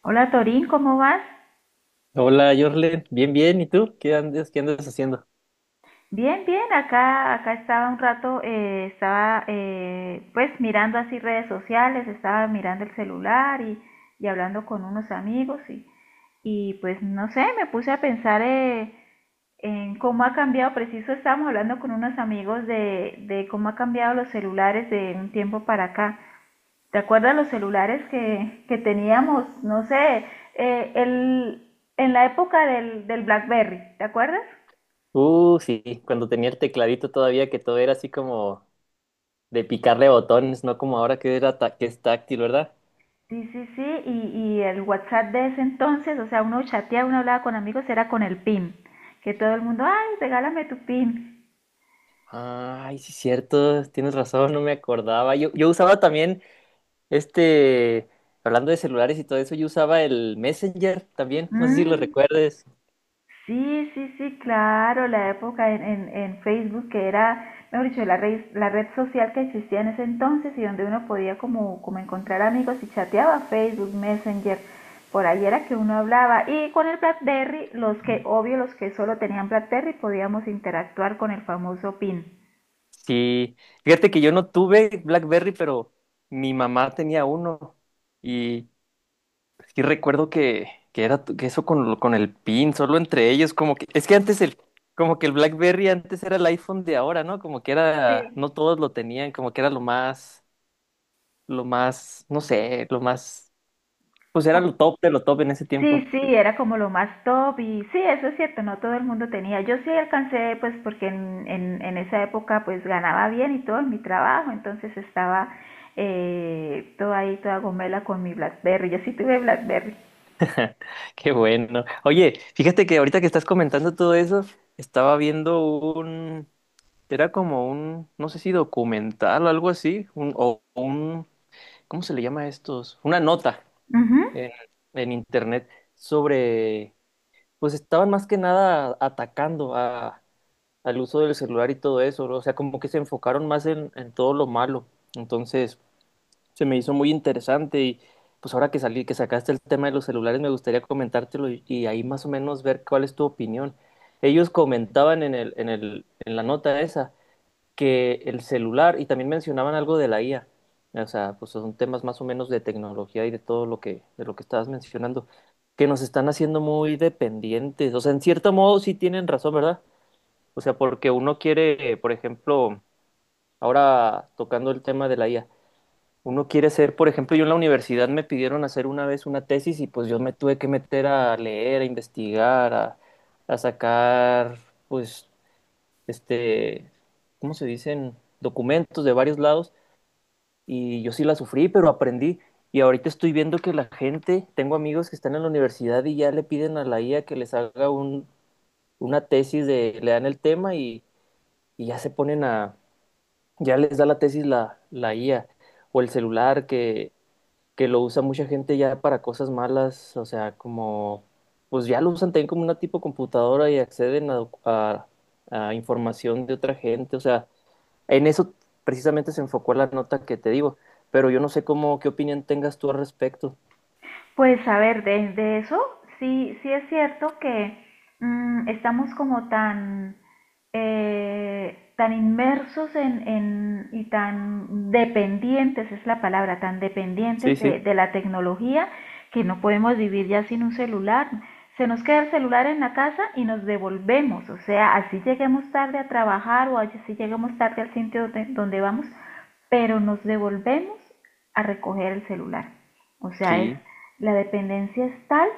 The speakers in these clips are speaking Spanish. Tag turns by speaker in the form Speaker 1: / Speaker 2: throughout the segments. Speaker 1: Hola Torín, ¿cómo vas?
Speaker 2: Hola, Jorlen. Bien, bien. ¿Y tú? ¿Qué andas haciendo?
Speaker 1: Bien, bien, acá estaba un rato, estaba pues mirando así redes sociales, estaba mirando el celular y hablando con unos amigos y pues no sé, me puse a pensar en cómo ha cambiado, preciso estábamos hablando con unos amigos de cómo ha cambiado los celulares de un tiempo para acá. ¿Te acuerdas los celulares que teníamos? No sé, eh, el, en la época del BlackBerry, ¿te acuerdas?
Speaker 2: Sí, cuando tenía el tecladito todavía que todo era así como de picarle botones, no como ahora que era que es táctil, ¿verdad?
Speaker 1: Sí, sí, sí, y el WhatsApp de ese entonces, o sea, uno chateaba, uno hablaba con amigos, era con el PIN, que todo el mundo, ay, regálame tu PIN.
Speaker 2: Ay, sí, cierto. Tienes razón, no me acordaba. Yo usaba también este, hablando de celulares y todo eso, yo usaba el Messenger también. No sé si lo
Speaker 1: Mm,
Speaker 2: recuerdes.
Speaker 1: sí, sí, sí, claro, la época en Facebook, que era, mejor dicho, la red social que existía en ese entonces y donde uno podía como encontrar amigos y chateaba Facebook, Messenger, por ahí era que uno hablaba. Y con el BlackBerry, los que, obvio, los que solo tenían BlackBerry, podíamos interactuar con el famoso PIN.
Speaker 2: Sí. Fíjate que yo no tuve BlackBerry, pero mi mamá tenía uno. y Sí recuerdo que era que eso con el PIN, solo entre ellos, como que, es que antes como que el BlackBerry antes era el iPhone de ahora, ¿no? Como que
Speaker 1: Sí.
Speaker 2: era, no todos lo tenían, como que era lo más, no sé, lo más, pues era lo top de lo top en ese tiempo.
Speaker 1: Sí, sí, era como lo más top y sí, eso es cierto, no todo el mundo tenía. Yo sí alcancé, pues porque en esa época pues ganaba bien y todo en mi trabajo, entonces estaba toda ahí, toda gomela con mi BlackBerry, yo sí tuve BlackBerry.
Speaker 2: Qué bueno. Oye, fíjate que ahorita que estás comentando todo eso, estaba viendo era como no sé si documental o algo así, un, ¿cómo se le llama a estos? Una nota
Speaker 1: Ujú.
Speaker 2: en, en internet sobre, pues estaban más que nada atacando a, al uso del celular y todo eso, ¿no? O sea, como que se enfocaron más en todo lo malo. Entonces, se me hizo muy interesante y pues ahora que salí, que sacaste el tema de los celulares, me gustaría comentártelo y ahí más o menos ver cuál es tu opinión. Ellos comentaban en la nota esa que el celular, y también mencionaban algo de la IA, o sea, pues son temas más o menos de tecnología y de todo lo que, de lo que estabas mencionando, que nos están haciendo muy dependientes, o sea, en cierto modo sí tienen razón, ¿verdad? O sea, porque uno quiere, por ejemplo, ahora tocando el tema de la IA, uno quiere ser, por ejemplo, yo en la universidad me pidieron hacer una vez una tesis y pues yo me tuve que meter a leer, a investigar, a sacar, pues este, ¿cómo se dicen? Documentos de varios lados y yo sí la sufrí, pero aprendí. Y ahorita estoy viendo que la gente, tengo amigos que están en la universidad y ya le piden a la IA que les haga una tesis de, le dan el tema y ya se ponen a, ya les da la tesis la IA o el celular que lo usa mucha gente ya para cosas malas, o sea, como, pues ya lo usan también como una tipo computadora y acceden a información de otra gente, o sea, en eso precisamente se enfocó la nota que te digo, pero yo no sé cómo, qué opinión tengas tú al respecto.
Speaker 1: Pues a ver, de eso sí, sí es cierto que mm, estamos como tan, tan inmersos en- y tan dependientes, es la palabra, tan
Speaker 2: Sí,
Speaker 1: dependientes
Speaker 2: sí,
Speaker 1: de la tecnología que no podemos vivir ya sin un celular. Se nos queda el celular en la casa y nos devolvemos, o sea, así lleguemos tarde a trabajar o así lleguemos tarde al sitio donde vamos, pero nos devolvemos a recoger el celular. O sea, es
Speaker 2: sí.
Speaker 1: la dependencia es tal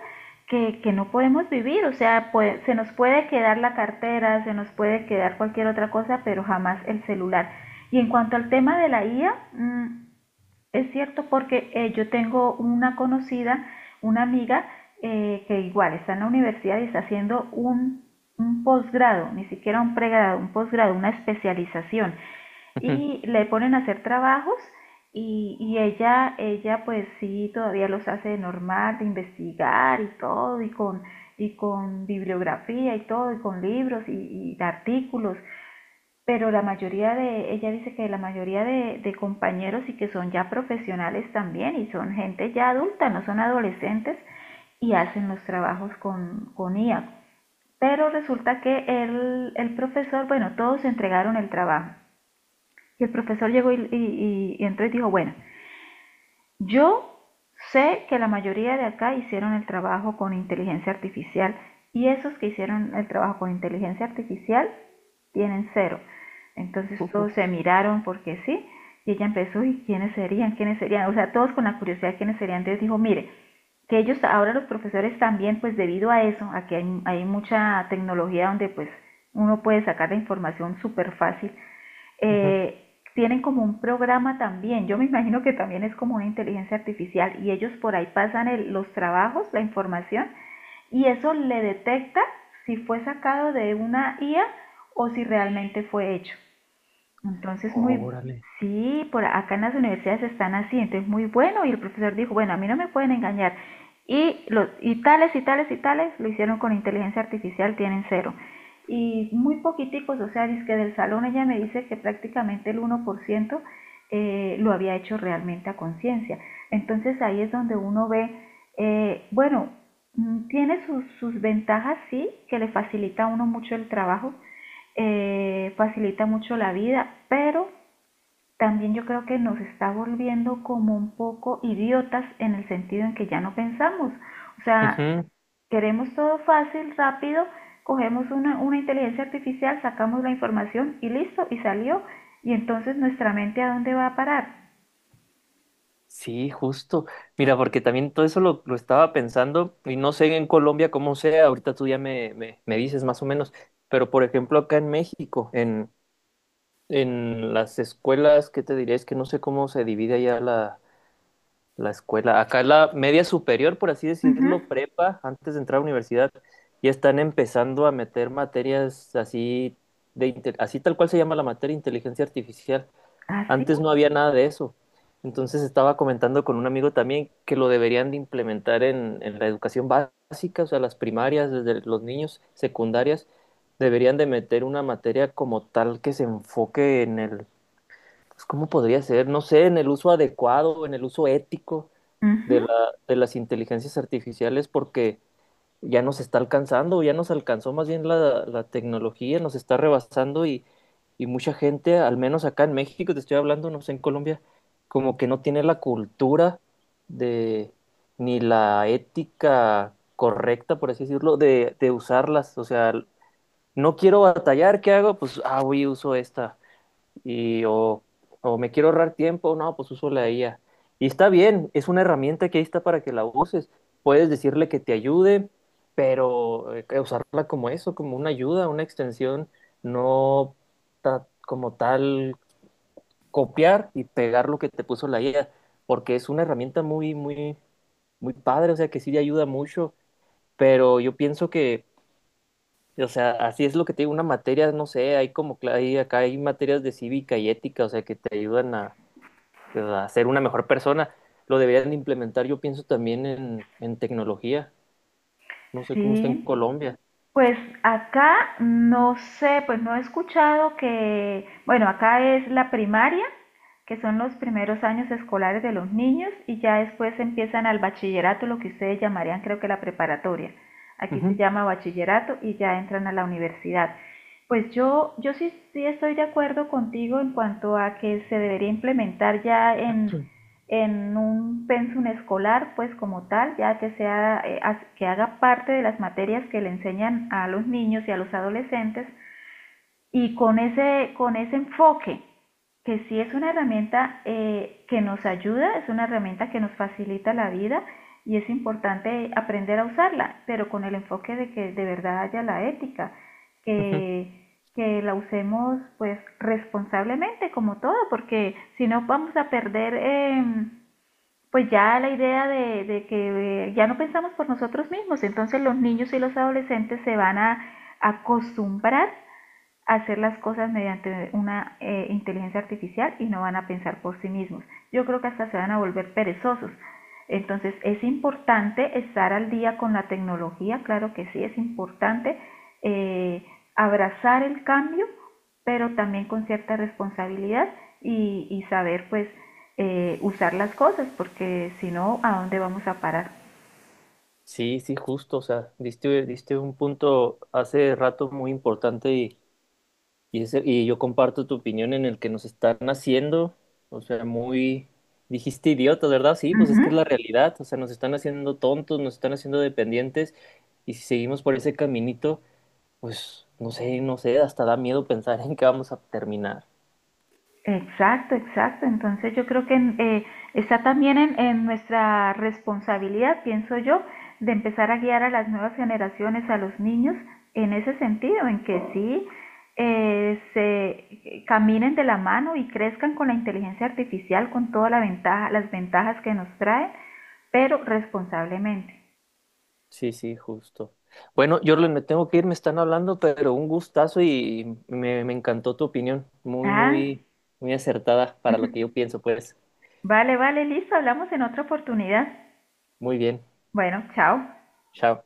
Speaker 1: que no podemos vivir, o sea, puede- se nos puede quedar la cartera, se nos puede quedar cualquier otra cosa, pero jamás el celular. Y en cuanto al tema de la IA, mm, es cierto porque yo tengo una conocida, una amiga, que igual está en la universidad y está haciendo un posgrado, ni siquiera un pregrado, un posgrado, una especialización
Speaker 2: Ujú.
Speaker 1: y le ponen a hacer trabajos y ella pues sí, todavía los hace de normal, de investigar y todo, y con bibliografía y todo, y con libros y de artículos, pero la mayoría de, ella dice que la mayoría de compañeros y que son ya profesionales también y son gente ya adulta, no son adolescentes y hacen los trabajos con IA. Pero resulta que el profesor, bueno, todos entregaron el trabajo y el profesor llegó entonces dijo, bueno, yo sé que la mayoría de acá hicieron el trabajo con inteligencia artificial y esos que hicieron el trabajo con inteligencia artificial tienen cero. Entonces todos
Speaker 2: Ujú,
Speaker 1: se miraron porque sí y ella empezó, ¿y quiénes serían? ¿Quiénes serían? O sea, todos con la curiosidad, ¿quiénes serían? Entonces dijo, mire, que ellos, ahora los profesores también, pues debido a eso, a que hay mucha tecnología donde pues uno puede sacar la información súper fácil
Speaker 2: ujú.
Speaker 1: tienen como un programa también. Yo me imagino que también es como una inteligencia artificial y ellos por ahí pasan el- los trabajos, la información y eso le detecta si fue sacado de una IA o si realmente fue hecho. Entonces, muy,
Speaker 2: Órale.
Speaker 1: sí, por acá en las universidades están así, entonces muy bueno, y el profesor dijo, bueno, a mí no me pueden engañar. Y, los, y tales y tales y tales lo hicieron con inteligencia artificial, tienen cero. Y muy poquiticos, o sea, es que del salón ella me dice que prácticamente el 1% lo había hecho realmente a conciencia. Entonces ahí es donde uno ve, bueno, mm, tiene sus, sus ventajas, sí, que le facilita a uno mucho el trabajo, facilita mucho la vida, pero también yo creo que nos está volviendo como un poco idiotas en el sentido en que ya no pensamos. O sea,
Speaker 2: Ujú.
Speaker 1: queremos todo fácil, rápido, cogemos una inteligencia artificial, sacamos la información y listo, y salió. Y entonces nuestra mente a dónde va a parar.
Speaker 2: Sí, justo. Mira, porque también todo eso lo estaba pensando y no sé en Colombia cómo sea, ahorita tú ya me dices más o menos, pero por ejemplo acá en México, en las escuelas, ¿qué te diré? Es que no sé cómo se divide allá la, la escuela. Acá la media superior, por así
Speaker 1: Ujú.
Speaker 2: decirlo, prepa, antes de entrar a la universidad, ya están empezando a meter materias así de así tal cual se llama la materia inteligencia artificial.
Speaker 1: Así.
Speaker 2: Antes no había nada de eso. Entonces estaba comentando con un amigo también que lo deberían de implementar en la educación básica, o sea, las primarias, desde los niños, secundarias, deberían de meter una materia como tal que se enfoque en el, pues, ¿cómo podría ser? No sé, en el uso adecuado, en el uso ético de la,
Speaker 1: Ujú.
Speaker 2: de las inteligencias artificiales porque ya nos está alcanzando, ya nos alcanzó más bien la, la tecnología, nos está rebasando y mucha gente, al menos acá en México, te estoy hablando, no sé, en Colombia, como que no tiene la cultura de, ni la ética correcta, por así decirlo, de usarlas. O sea, no quiero batallar, ¿qué hago? Pues, ah, voy, uso esta y o, o me quiero ahorrar tiempo, no, pues uso la IA. Y está bien, es una herramienta que ahí está para que la uses. Puedes decirle que te ayude, pero usarla como eso, como una ayuda, una extensión, no como tal copiar y pegar lo que te puso la IA, porque es una herramienta muy, muy, muy padre, o sea que sí te ayuda mucho, pero yo pienso que, o sea, así es lo que te digo, una materia, no sé, hay como, acá hay materias de cívica y ética, o sea, que te ayudan a ser una mejor persona. Lo deberían implementar, yo pienso, también en tecnología. No sé cómo está en
Speaker 1: Sí.
Speaker 2: Colombia.
Speaker 1: Pues acá no sé, pues no he escuchado que, bueno, acá es la primaria que son los primeros años escolares de los niños y ya después empiezan al bachillerato, lo que ustedes llamarían creo que la preparatoria. Aquí se
Speaker 2: Ujú,
Speaker 1: llama bachillerato y ya entran a la universidad. Pues yo sí, sí estoy de acuerdo contigo en cuanto a que se debería implementar ya en un pensum escolar, pues como tal, ya que, sea, que haga parte de las materias que le enseñan a los niños y a los adolescentes y con ese enfoque que sí es una herramienta que nos ayuda, es una herramienta que nos facilita la vida y es importante aprender a usarla, pero con el enfoque de que de verdad haya la ética,
Speaker 2: ujú.
Speaker 1: que la usemos pues responsablemente como todo, porque si no vamos a perder pues ya la idea de que ya no pensamos por nosotros mismos, entonces los niños y los adolescentes se van a acostumbrar hacer las cosas mediante una inteligencia artificial y no van a pensar por sí mismos. Yo creo que hasta se van a volver perezosos. Entonces es importante estar al día con la tecnología, claro que sí, es importante eh, abrazar el cambio, pero también con cierta responsabilidad y saber pues usar las cosas, porque si no, ¿a dónde vamos a parar?
Speaker 2: Sí, sí, justo. O sea, diste, diste un punto hace rato muy importante y, y yo comparto tu opinión en el que nos están haciendo, o sea, muy, dijiste idiota, ¿verdad? Sí,
Speaker 1: Uh
Speaker 2: pues es que
Speaker 1: -huh.
Speaker 2: es la realidad. O sea, nos están haciendo tontos, nos están haciendo dependientes y si seguimos por ese caminito, pues no sé, no sé, hasta da miedo pensar en qué vamos a terminar.
Speaker 1: Exacto, exacto. Entonces yo creo que está también en nuestra responsabilidad, pienso yo, de empezar a guiar a las nuevas generaciones, a los niños, en ese sentido, en que sí se caminen de la mano y crezcan con la inteligencia artificial, con toda la ventaja, las ventajas que nos trae, pero responsablemente.
Speaker 2: Sí, sí, justo. Bueno, yo me tengo que ir, me están hablando, pero un gustazo y me encantó tu opinión. Muy,
Speaker 1: Ah,
Speaker 2: muy, muy acertada para lo que yo pienso, pues.
Speaker 1: vale, vale, listo, hablamos en otra oportunidad.
Speaker 2: Muy bien.
Speaker 1: Bueno, chao.
Speaker 2: Chao.